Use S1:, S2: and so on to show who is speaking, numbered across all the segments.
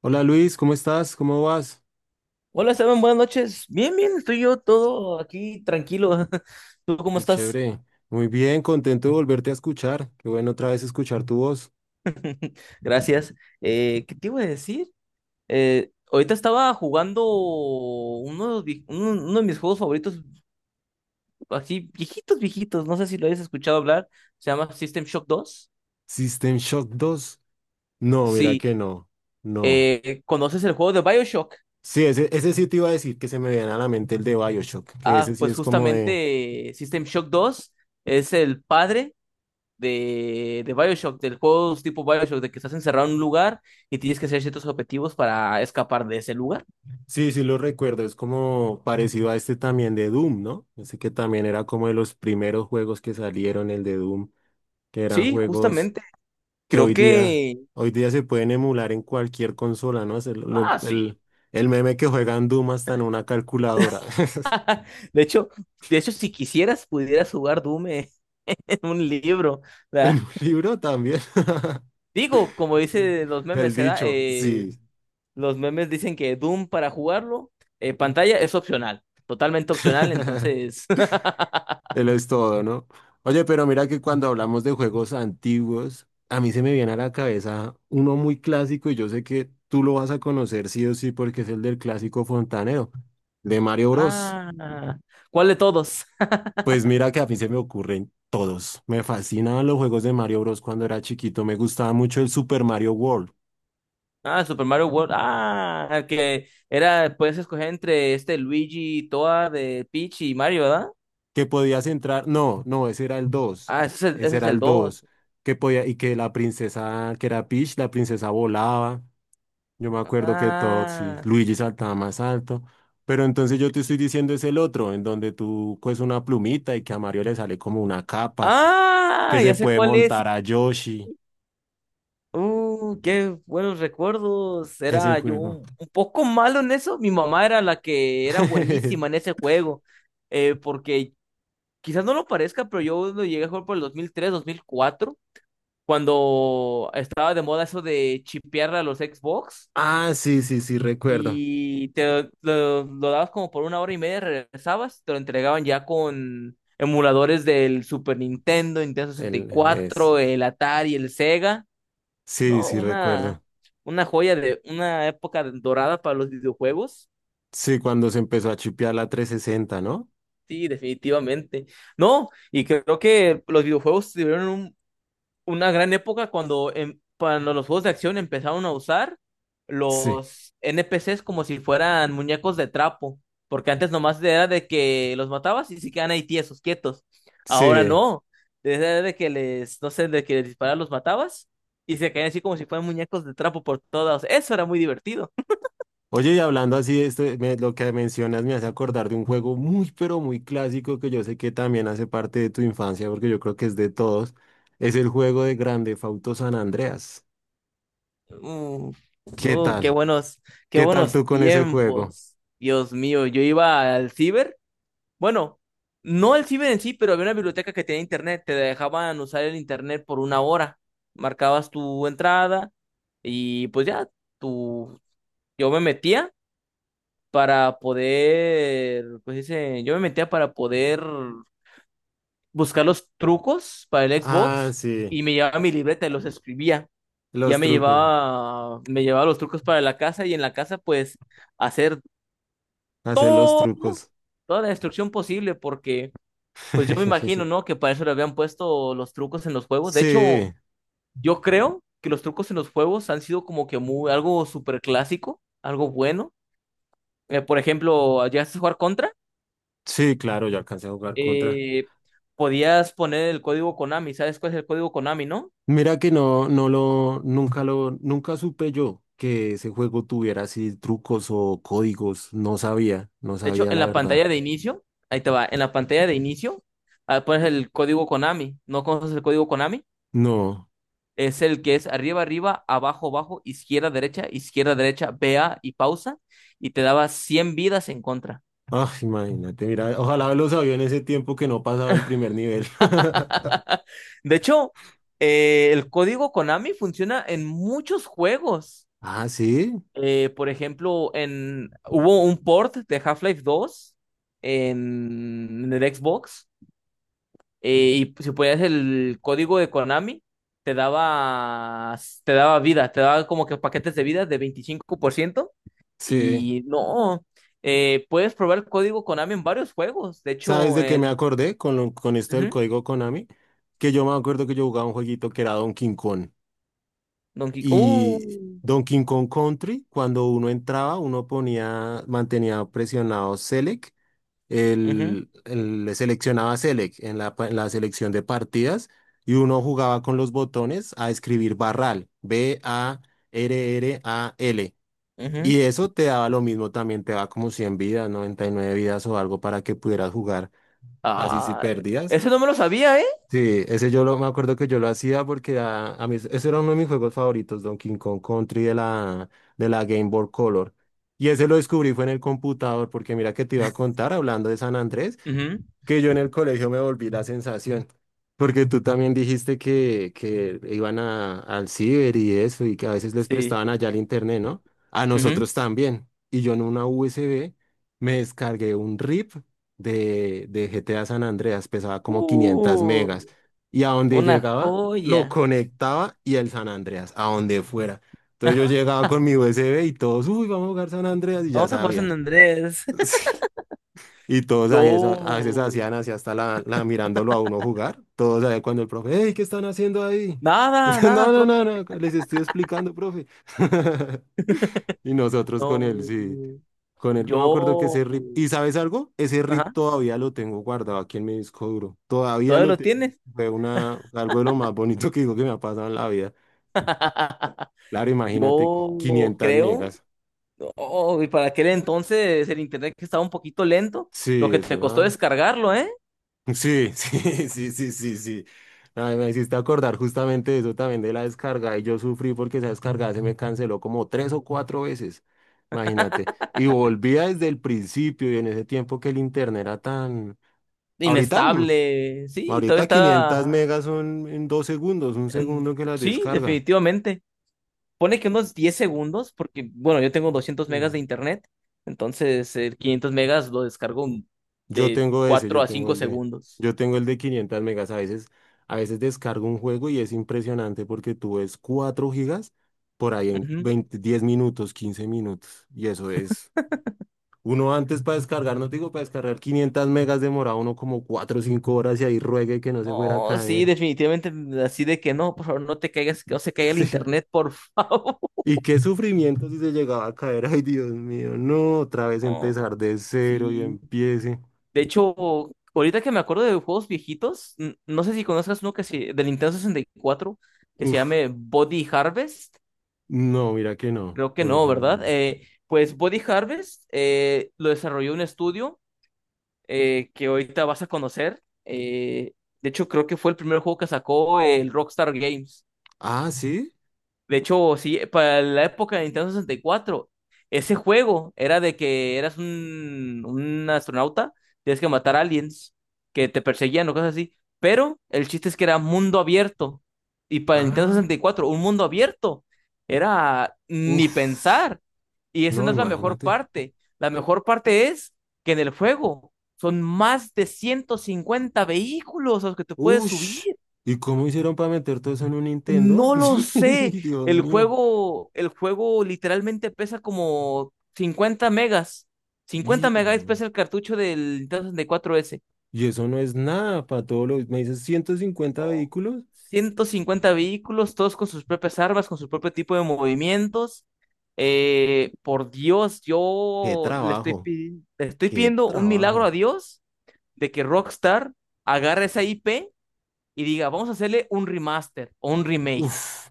S1: Hola Luis, ¿cómo estás? ¿Cómo vas?
S2: Hola, Esteban, buenas noches. Bien, bien, estoy yo todo aquí tranquilo. ¿Tú cómo
S1: Qué
S2: estás?
S1: chévere. Muy bien, contento de volverte a escuchar. Qué bueno otra vez escuchar tu voz.
S2: Gracias. ¿Qué te iba a decir? Ahorita estaba jugando uno de mis juegos favoritos, así viejitos, viejitos. No sé si lo hayas escuchado hablar. Se llama System Shock 2.
S1: System Shock dos. No, mira
S2: Sí.
S1: que no. No.
S2: ¿Conoces el juego de BioShock?
S1: Sí, ese sí te iba a decir que se me viene a la mente el de BioShock, que
S2: Ah,
S1: ese sí
S2: pues
S1: es como de...
S2: justamente System Shock 2 es el padre de Bioshock, del juego tipo Bioshock, de que estás encerrado en un lugar y tienes que hacer ciertos objetivos para escapar de ese lugar.
S1: Sí, sí lo recuerdo, es como parecido a este también de Doom, ¿no? Ese que también era como de los primeros juegos que salieron, el de Doom, que eran
S2: Sí,
S1: juegos
S2: justamente.
S1: que
S2: Creo que.
S1: hoy día se pueden emular en cualquier consola, ¿no? Es
S2: Ah, sí.
S1: el meme que juegan Doom hasta en una calculadora.
S2: De hecho, de hecho, si quisieras, pudieras jugar Doom en en un libro.
S1: En
S2: ¿Verdad?
S1: un libro también.
S2: Digo, como dice los
S1: El
S2: memes,
S1: dicho, sí.
S2: los memes dicen que Doom para jugarlo, pantalla es opcional, totalmente opcional, entonces.
S1: Él es todo, ¿no? Oye, pero mira que cuando hablamos de juegos antiguos, a mí se me viene a la cabeza uno muy clásico y yo sé que tú lo vas a conocer sí o sí porque es el del clásico fontanero, de Mario Bros.
S2: Ah, ¿cuál de todos?
S1: Pues mira que a mí se me ocurren todos. Me fascinaban los juegos de Mario Bros. Cuando era chiquito. Me gustaba mucho el Super Mario World.
S2: Ah, Super Mario World. Ah, el que era, puedes escoger entre este Luigi, Toa de Peach y Mario, ¿verdad?
S1: Que podías entrar. No, no, ese era el 2.
S2: Ah, ese es el,
S1: Ese
S2: ese es
S1: era
S2: el
S1: el
S2: 2.
S1: dos. Que podía, y que la princesa, que era Peach, la princesa volaba. Yo me acuerdo que todo, sí,
S2: Ah,
S1: Luigi saltaba más alto. Pero entonces yo te estoy diciendo es el otro, en donde tú coges una plumita y que a Mario le sale como una capa, que
S2: ah,
S1: se
S2: ya sé
S1: puede
S2: cuál es. Sí.
S1: montar a Yoshi.
S2: Qué buenos recuerdos.
S1: Ese
S2: Era yo
S1: juego.
S2: un poco malo en eso. Mi mamá era la que era buenísima en ese juego. Porque quizás no lo parezca, pero yo lo llegué a jugar por el dos mil tres, 2004, cuando estaba de moda eso de chipear a los Xbox.
S1: Ah, sí, sí, sí, recuerdo.
S2: Y te lo dabas como por una hora y media, regresabas, te lo entregaban ya con emuladores del Super Nintendo, Nintendo
S1: El es.
S2: 64, el Atari, el Sega.
S1: Sí,
S2: No,
S1: sí,
S2: una,
S1: recuerdo.
S2: una joya de una época dorada para los videojuegos.
S1: Sí, cuando se empezó a chipear la 360, ¿no?
S2: Sí, definitivamente. No, y creo que los videojuegos tuvieron una gran época cuando los juegos de acción empezaron a usar
S1: Sí,
S2: los NPCs como si fueran muñecos de trapo, porque antes nomás era de que los matabas y se quedan ahí tiesos, quietos. Ahora
S1: sí.
S2: no, desde de que les, no sé, de que les disparas los matabas y se caían así como si fueran muñecos de trapo por todos. Eso era muy divertido.
S1: Oye, y hablando así, este, lo que mencionas me hace acordar de un juego muy, pero muy clásico que yo sé que también hace parte de tu infancia, porque yo creo que es de todos. Es el juego de Grande Fauto San Andreas.
S2: Uh,
S1: ¿Qué
S2: uh, qué
S1: tal?
S2: buenos, qué
S1: ¿Qué tal
S2: buenos
S1: tú con ese juego?
S2: tiempos. Dios mío, yo iba al ciber. Bueno, no el ciber en sí, pero había una biblioteca que tenía internet, te dejaban usar el internet por una hora. Marcabas tu entrada y pues ya, tu... yo me metía yo me metía para poder buscar los trucos para el
S1: Ah,
S2: Xbox
S1: sí,
S2: y me llevaba mi libreta y los escribía. Ya
S1: los
S2: me
S1: trucos.
S2: llevaba, me llevaba los trucos para la casa y en la casa pues hacer
S1: Hacer los
S2: todo,
S1: trucos.
S2: toda la destrucción posible porque... Pues yo me imagino, ¿no? Que para eso le habían puesto los trucos en los juegos. De hecho,
S1: Sí.
S2: yo creo que los trucos en los juegos han sido como que muy, algo súper clásico, algo bueno. Por ejemplo, llegaste a jugar contra,
S1: Sí, claro, yo alcancé a jugar contra.
S2: eh, podías poner el código Konami. ¿Sabes cuál es el código Konami, no?
S1: Mira que no, nunca supe yo que ese juego tuviera así trucos o códigos. No sabía, no
S2: De hecho,
S1: sabía
S2: en
S1: la
S2: la
S1: verdad.
S2: pantalla de inicio, ahí te va, en la pantalla de inicio, pones el código Konami. ¿No conoces el código Konami?
S1: No.
S2: Es el que es arriba, arriba, abajo, abajo, izquierda, derecha, vea y pausa, y te daba 100 vidas en contra.
S1: Ah, imagínate, mira, ojalá lo sabía en ese tiempo que no pasaba el primer nivel.
S2: De hecho, el código Konami funciona en muchos juegos.
S1: Ah, sí,
S2: Por ejemplo, hubo un port de Half-Life 2 en el Xbox, y si ponías el código de Konami, te daba vida, te daba como que paquetes de vida de 25%.
S1: sí.
S2: Y no, puedes probar el código Konami en varios juegos. De
S1: ¿Sabes
S2: hecho,
S1: de qué me
S2: en...
S1: acordé con, con esto del
S2: Ujú.
S1: código Konami? Que yo me acuerdo que yo jugaba un jueguito que era Donkey Kong.
S2: Donkey
S1: Y
S2: Kong.
S1: Donkey Kong Country, cuando uno entraba, uno ponía, mantenía presionado Select,
S2: Ujú,
S1: le seleccionaba Select en la, en la selección de partidas y uno jugaba con los botones a escribir barral, B-A-R-R-A-L.
S2: ujú.
S1: Y eso te daba lo mismo, también te daba como 100 vidas, 99 vidas o algo para que pudieras jugar así si
S2: Ah,
S1: perdías.
S2: ese no me lo sabía, ¿eh?
S1: Sí, ese yo lo, me acuerdo que yo lo hacía porque a mí ese era uno de mis juegos favoritos, Donkey Kong Country de la Game Boy Color. Y ese lo descubrí fue en el computador, porque mira que te iba a contar, hablando de San Andrés,
S2: Ujú,
S1: que yo en el colegio me volví la sensación, porque tú también dijiste que iban a, al ciber y eso, y que a veces les
S2: sí.
S1: prestaban allá el internet, ¿no? A
S2: Ujú.
S1: nosotros también. Y yo en una USB me descargué un RIP de GTA San Andreas, pesaba como 500
S2: Uh,
S1: megas, y a donde
S2: una
S1: llegaba lo
S2: joya.
S1: conectaba y el San Andreas, a donde fuera. Entonces yo llegaba con mi USB y todos, uy, vamos a jugar San Andreas, y ya
S2: Vamos a jugar
S1: sabían.
S2: San Andrés.
S1: Y todos
S2: Yo.
S1: ahí, a veces hacían así hasta la mirándolo a uno jugar. Todos ahí cuando el profe, hey, ¿qué están haciendo ahí?
S2: Nada, nada,
S1: No, no,
S2: profe.
S1: no, no, les estoy explicando, profe. Y nosotros con
S2: No.
S1: él, sí, con él. Yo me acuerdo que
S2: Yo.
S1: ese RIP, ¿y sabes algo? Ese RIP
S2: Ajá.
S1: todavía lo tengo guardado aquí en mi disco duro. Todavía
S2: ¿Todavía
S1: lo
S2: lo
S1: tengo.
S2: tienes?
S1: Fue una, algo de lo más bonito que digo que me ha pasado en la vida. Claro, imagínate,
S2: Yo
S1: 500
S2: creo.
S1: megas.
S2: Oh, y para aquel entonces el internet que estaba un poquito lento, lo
S1: Sí,
S2: que
S1: eso
S2: te costó
S1: era.
S2: descargarlo, ¿eh?
S1: Sí, sí, sí, sí, sí, sí. Ay, me hiciste acordar justamente de eso también de la descarga y yo sufrí porque esa descarga se me canceló como tres o cuatro veces, imagínate. Y volvía desde el principio y en ese tiempo que el internet era tan... Ahorita,
S2: Inestable, sí, todo
S1: ahorita 500
S2: estaba...
S1: megas son en dos segundos, un
S2: mm,
S1: segundo que las
S2: Sí,
S1: descarga.
S2: definitivamente. Pone que unos 10 segundos, porque, bueno, yo tengo 200 megas
S1: Mm.
S2: de internet, entonces el 500 megas lo descargo
S1: Yo
S2: de
S1: tengo ese,
S2: 4 a 5 segundos.
S1: yo tengo el de 500 megas. A veces descargo un juego y es impresionante porque tú ves 4 gigas por ahí en
S2: Ujú.
S1: 20 10 minutos, 15 minutos. Y eso es, uno antes para descargar, no te digo para descargar 500 megas demoraba uno como 4 o 5 horas y ahí ruegue que no se fuera a
S2: Oh, sí,
S1: caer.
S2: definitivamente, así de que no, por favor, no te caigas, que no se caiga el
S1: Sí.
S2: internet, por favor.
S1: Y qué sufrimiento si se llegaba a caer. Ay, Dios mío, no, otra vez
S2: No,
S1: empezar de cero y
S2: sí.
S1: empiece.
S2: De hecho, ahorita que me acuerdo de juegos viejitos, no sé si conozcas uno del Nintendo 64 que se
S1: Uf,
S2: llame Body Harvest.
S1: no, mira que no.
S2: Creo que
S1: Voy a
S2: no,
S1: dejarlo en
S2: ¿verdad?
S1: mute.
S2: Pues Body Harvest lo desarrolló un estudio que ahorita vas a conocer. De hecho, creo que fue el primer juego que sacó el Rockstar Games.
S1: Ah, sí.
S2: De hecho, sí, para la época de Nintendo 64, ese juego era de que eras un astronauta, tienes que matar aliens que te perseguían o cosas así. Pero el chiste es que era mundo abierto. Y para el Nintendo
S1: Ah,
S2: sesenta y cuatro, un mundo abierto era ni
S1: uff,
S2: pensar. Y esa
S1: no,
S2: no es la mejor
S1: imagínate.
S2: parte. La mejor parte es que en el juego son más de 150 vehículos a los que te puedes
S1: Uff,
S2: subir.
S1: ¿y cómo hicieron para meter todo eso en un Nintendo?
S2: No lo
S1: Sí,
S2: sé.
S1: Dios
S2: El
S1: mío.
S2: juego, el juego literalmente pesa como 50 megas. 50
S1: Y,
S2: megas
S1: no,
S2: pesa el cartucho del Nintendo 64S.
S1: y eso no es nada para todos los. ¿Me dices 150 vehículos?
S2: 50 vehículos, todos con sus propias armas, con su propio tipo de movimientos. Por Dios,
S1: ¡Qué
S2: yo le estoy,
S1: trabajo!
S2: pi- le estoy
S1: ¡Qué
S2: pidiendo un milagro a
S1: trabajo!
S2: Dios de que Rockstar agarre esa IP y diga, vamos a hacerle un remaster o un remake.
S1: Uff,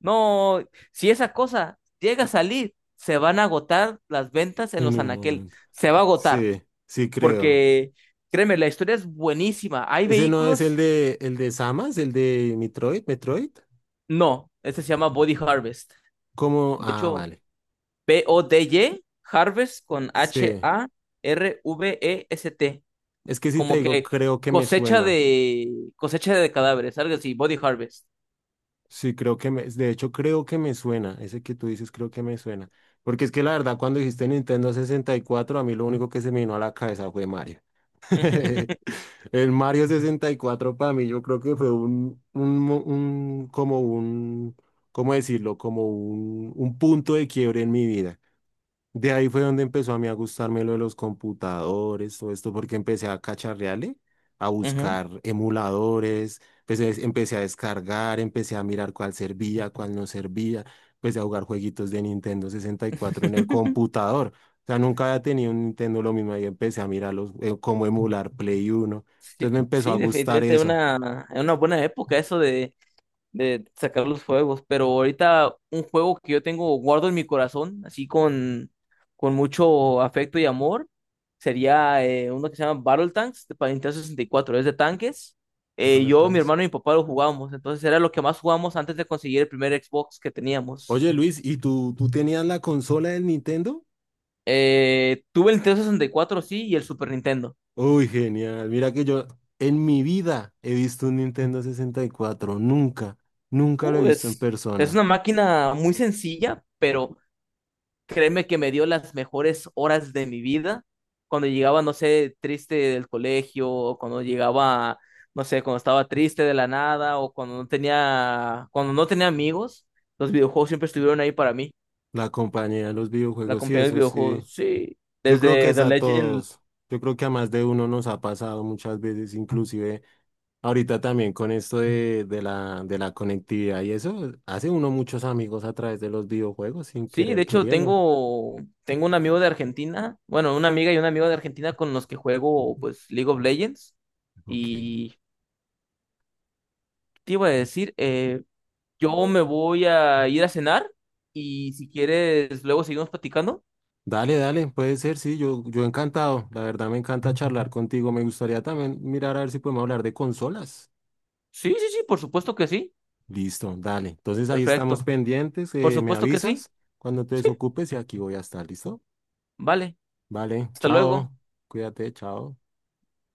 S2: No, si esa cosa llega a salir, se van a agotar las ventas en
S1: en
S2: los
S1: un
S2: anaqueles.
S1: momento.
S2: Se va a agotar,
S1: Sí, sí creo.
S2: porque créeme, la historia es buenísima. ¿Hay
S1: ¿Ese no es el
S2: vehículos?
S1: de Samas, el de Metroid, Metroid?
S2: No, este se llama Body Harvest.
S1: ¿Cómo?
S2: De
S1: Ah,
S2: hecho,
S1: vale.
S2: Body, Harvest con
S1: Sí.
S2: Harvest.
S1: Es que si te
S2: Como
S1: digo,
S2: que
S1: creo que me
S2: cosecha
S1: suena.
S2: de cosecha de cadáveres, algo así, Body Harvest.
S1: Sí, creo que me, de hecho creo que me suena, ese que tú dices creo que me suena, porque es que la verdad cuando dijiste Nintendo 64 a mí lo único que se me vino a la cabeza fue Mario. El Mario 64 para mí yo creo que fue un como un, ¿cómo decirlo? Como un punto de quiebre en mi vida. De ahí fue donde empezó a mí a gustarme lo de los computadores, todo esto, porque empecé a cacharrearle, a
S2: Ujú.
S1: buscar emuladores, empecé a descargar, empecé a mirar cuál servía, cuál no servía, empecé a jugar jueguitos de Nintendo 64 en el computador. O sea, nunca había tenido un Nintendo lo mismo, ahí empecé a mirar los, cómo emular Play Uno. Entonces
S2: Sí,
S1: me empezó a
S2: sí,
S1: gustar
S2: definitivamente
S1: eso.
S2: una buena época eso de sacar los juegos, pero ahorita un juego que yo tengo guardo en mi corazón, así con mucho afecto y amor, sería uno que se llama Battle Tanks para Nintendo 64 es de tanques.
S1: Battle
S2: Yo, mi
S1: Tanks.
S2: hermano y mi papá lo jugábamos, entonces era lo que más jugábamos antes de conseguir el primer Xbox que teníamos.
S1: Oye Luis, ¿y tú tenías la consola del Nintendo?
S2: Tuve el Nintendo 64 sí, y el Super Nintendo.
S1: Uy, genial. Mira que yo en mi vida he visto un Nintendo sesenta y cuatro. Nunca, nunca lo he
S2: Uh,
S1: visto en
S2: es, es
S1: persona.
S2: una máquina muy sencilla, pero créeme que me dio las mejores horas de mi vida cuando llegaba, no sé, triste del colegio, o cuando llegaba, no sé, cuando estaba triste de la nada, o cuando no tenía amigos, los videojuegos siempre estuvieron ahí para mí.
S1: La compañía de los
S2: La
S1: videojuegos, sí,
S2: compañía de
S1: eso sí.
S2: videojuegos, sí.
S1: Yo creo que
S2: Desde
S1: es
S2: The
S1: a
S2: Legend,
S1: todos. Yo creo que a más de uno nos ha pasado muchas veces, inclusive ahorita también con esto de la conectividad y eso, hace uno muchos amigos a través de los videojuegos sin
S2: sí, de
S1: querer
S2: hecho
S1: queriendo.
S2: tengo un amigo de Argentina, bueno, una amiga y un amigo de Argentina con los que juego, pues, League of Legends.
S1: Ok.
S2: Y te iba a decir, yo me voy a ir a cenar y si quieres, luego seguimos platicando.
S1: Dale, dale, puede ser, sí, yo encantado. La verdad me encanta charlar contigo. Me gustaría también mirar a ver si podemos hablar de consolas.
S2: Sí, sí, sí, por supuesto que sí.
S1: Listo, dale. Entonces ahí estamos
S2: Perfecto.
S1: pendientes.
S2: Por
S1: Me
S2: supuesto que sí.
S1: avisas cuando te
S2: Sí,
S1: desocupes y aquí voy a estar, ¿listo?
S2: vale.
S1: Vale,
S2: Hasta
S1: chao.
S2: luego.
S1: Cuídate, chao.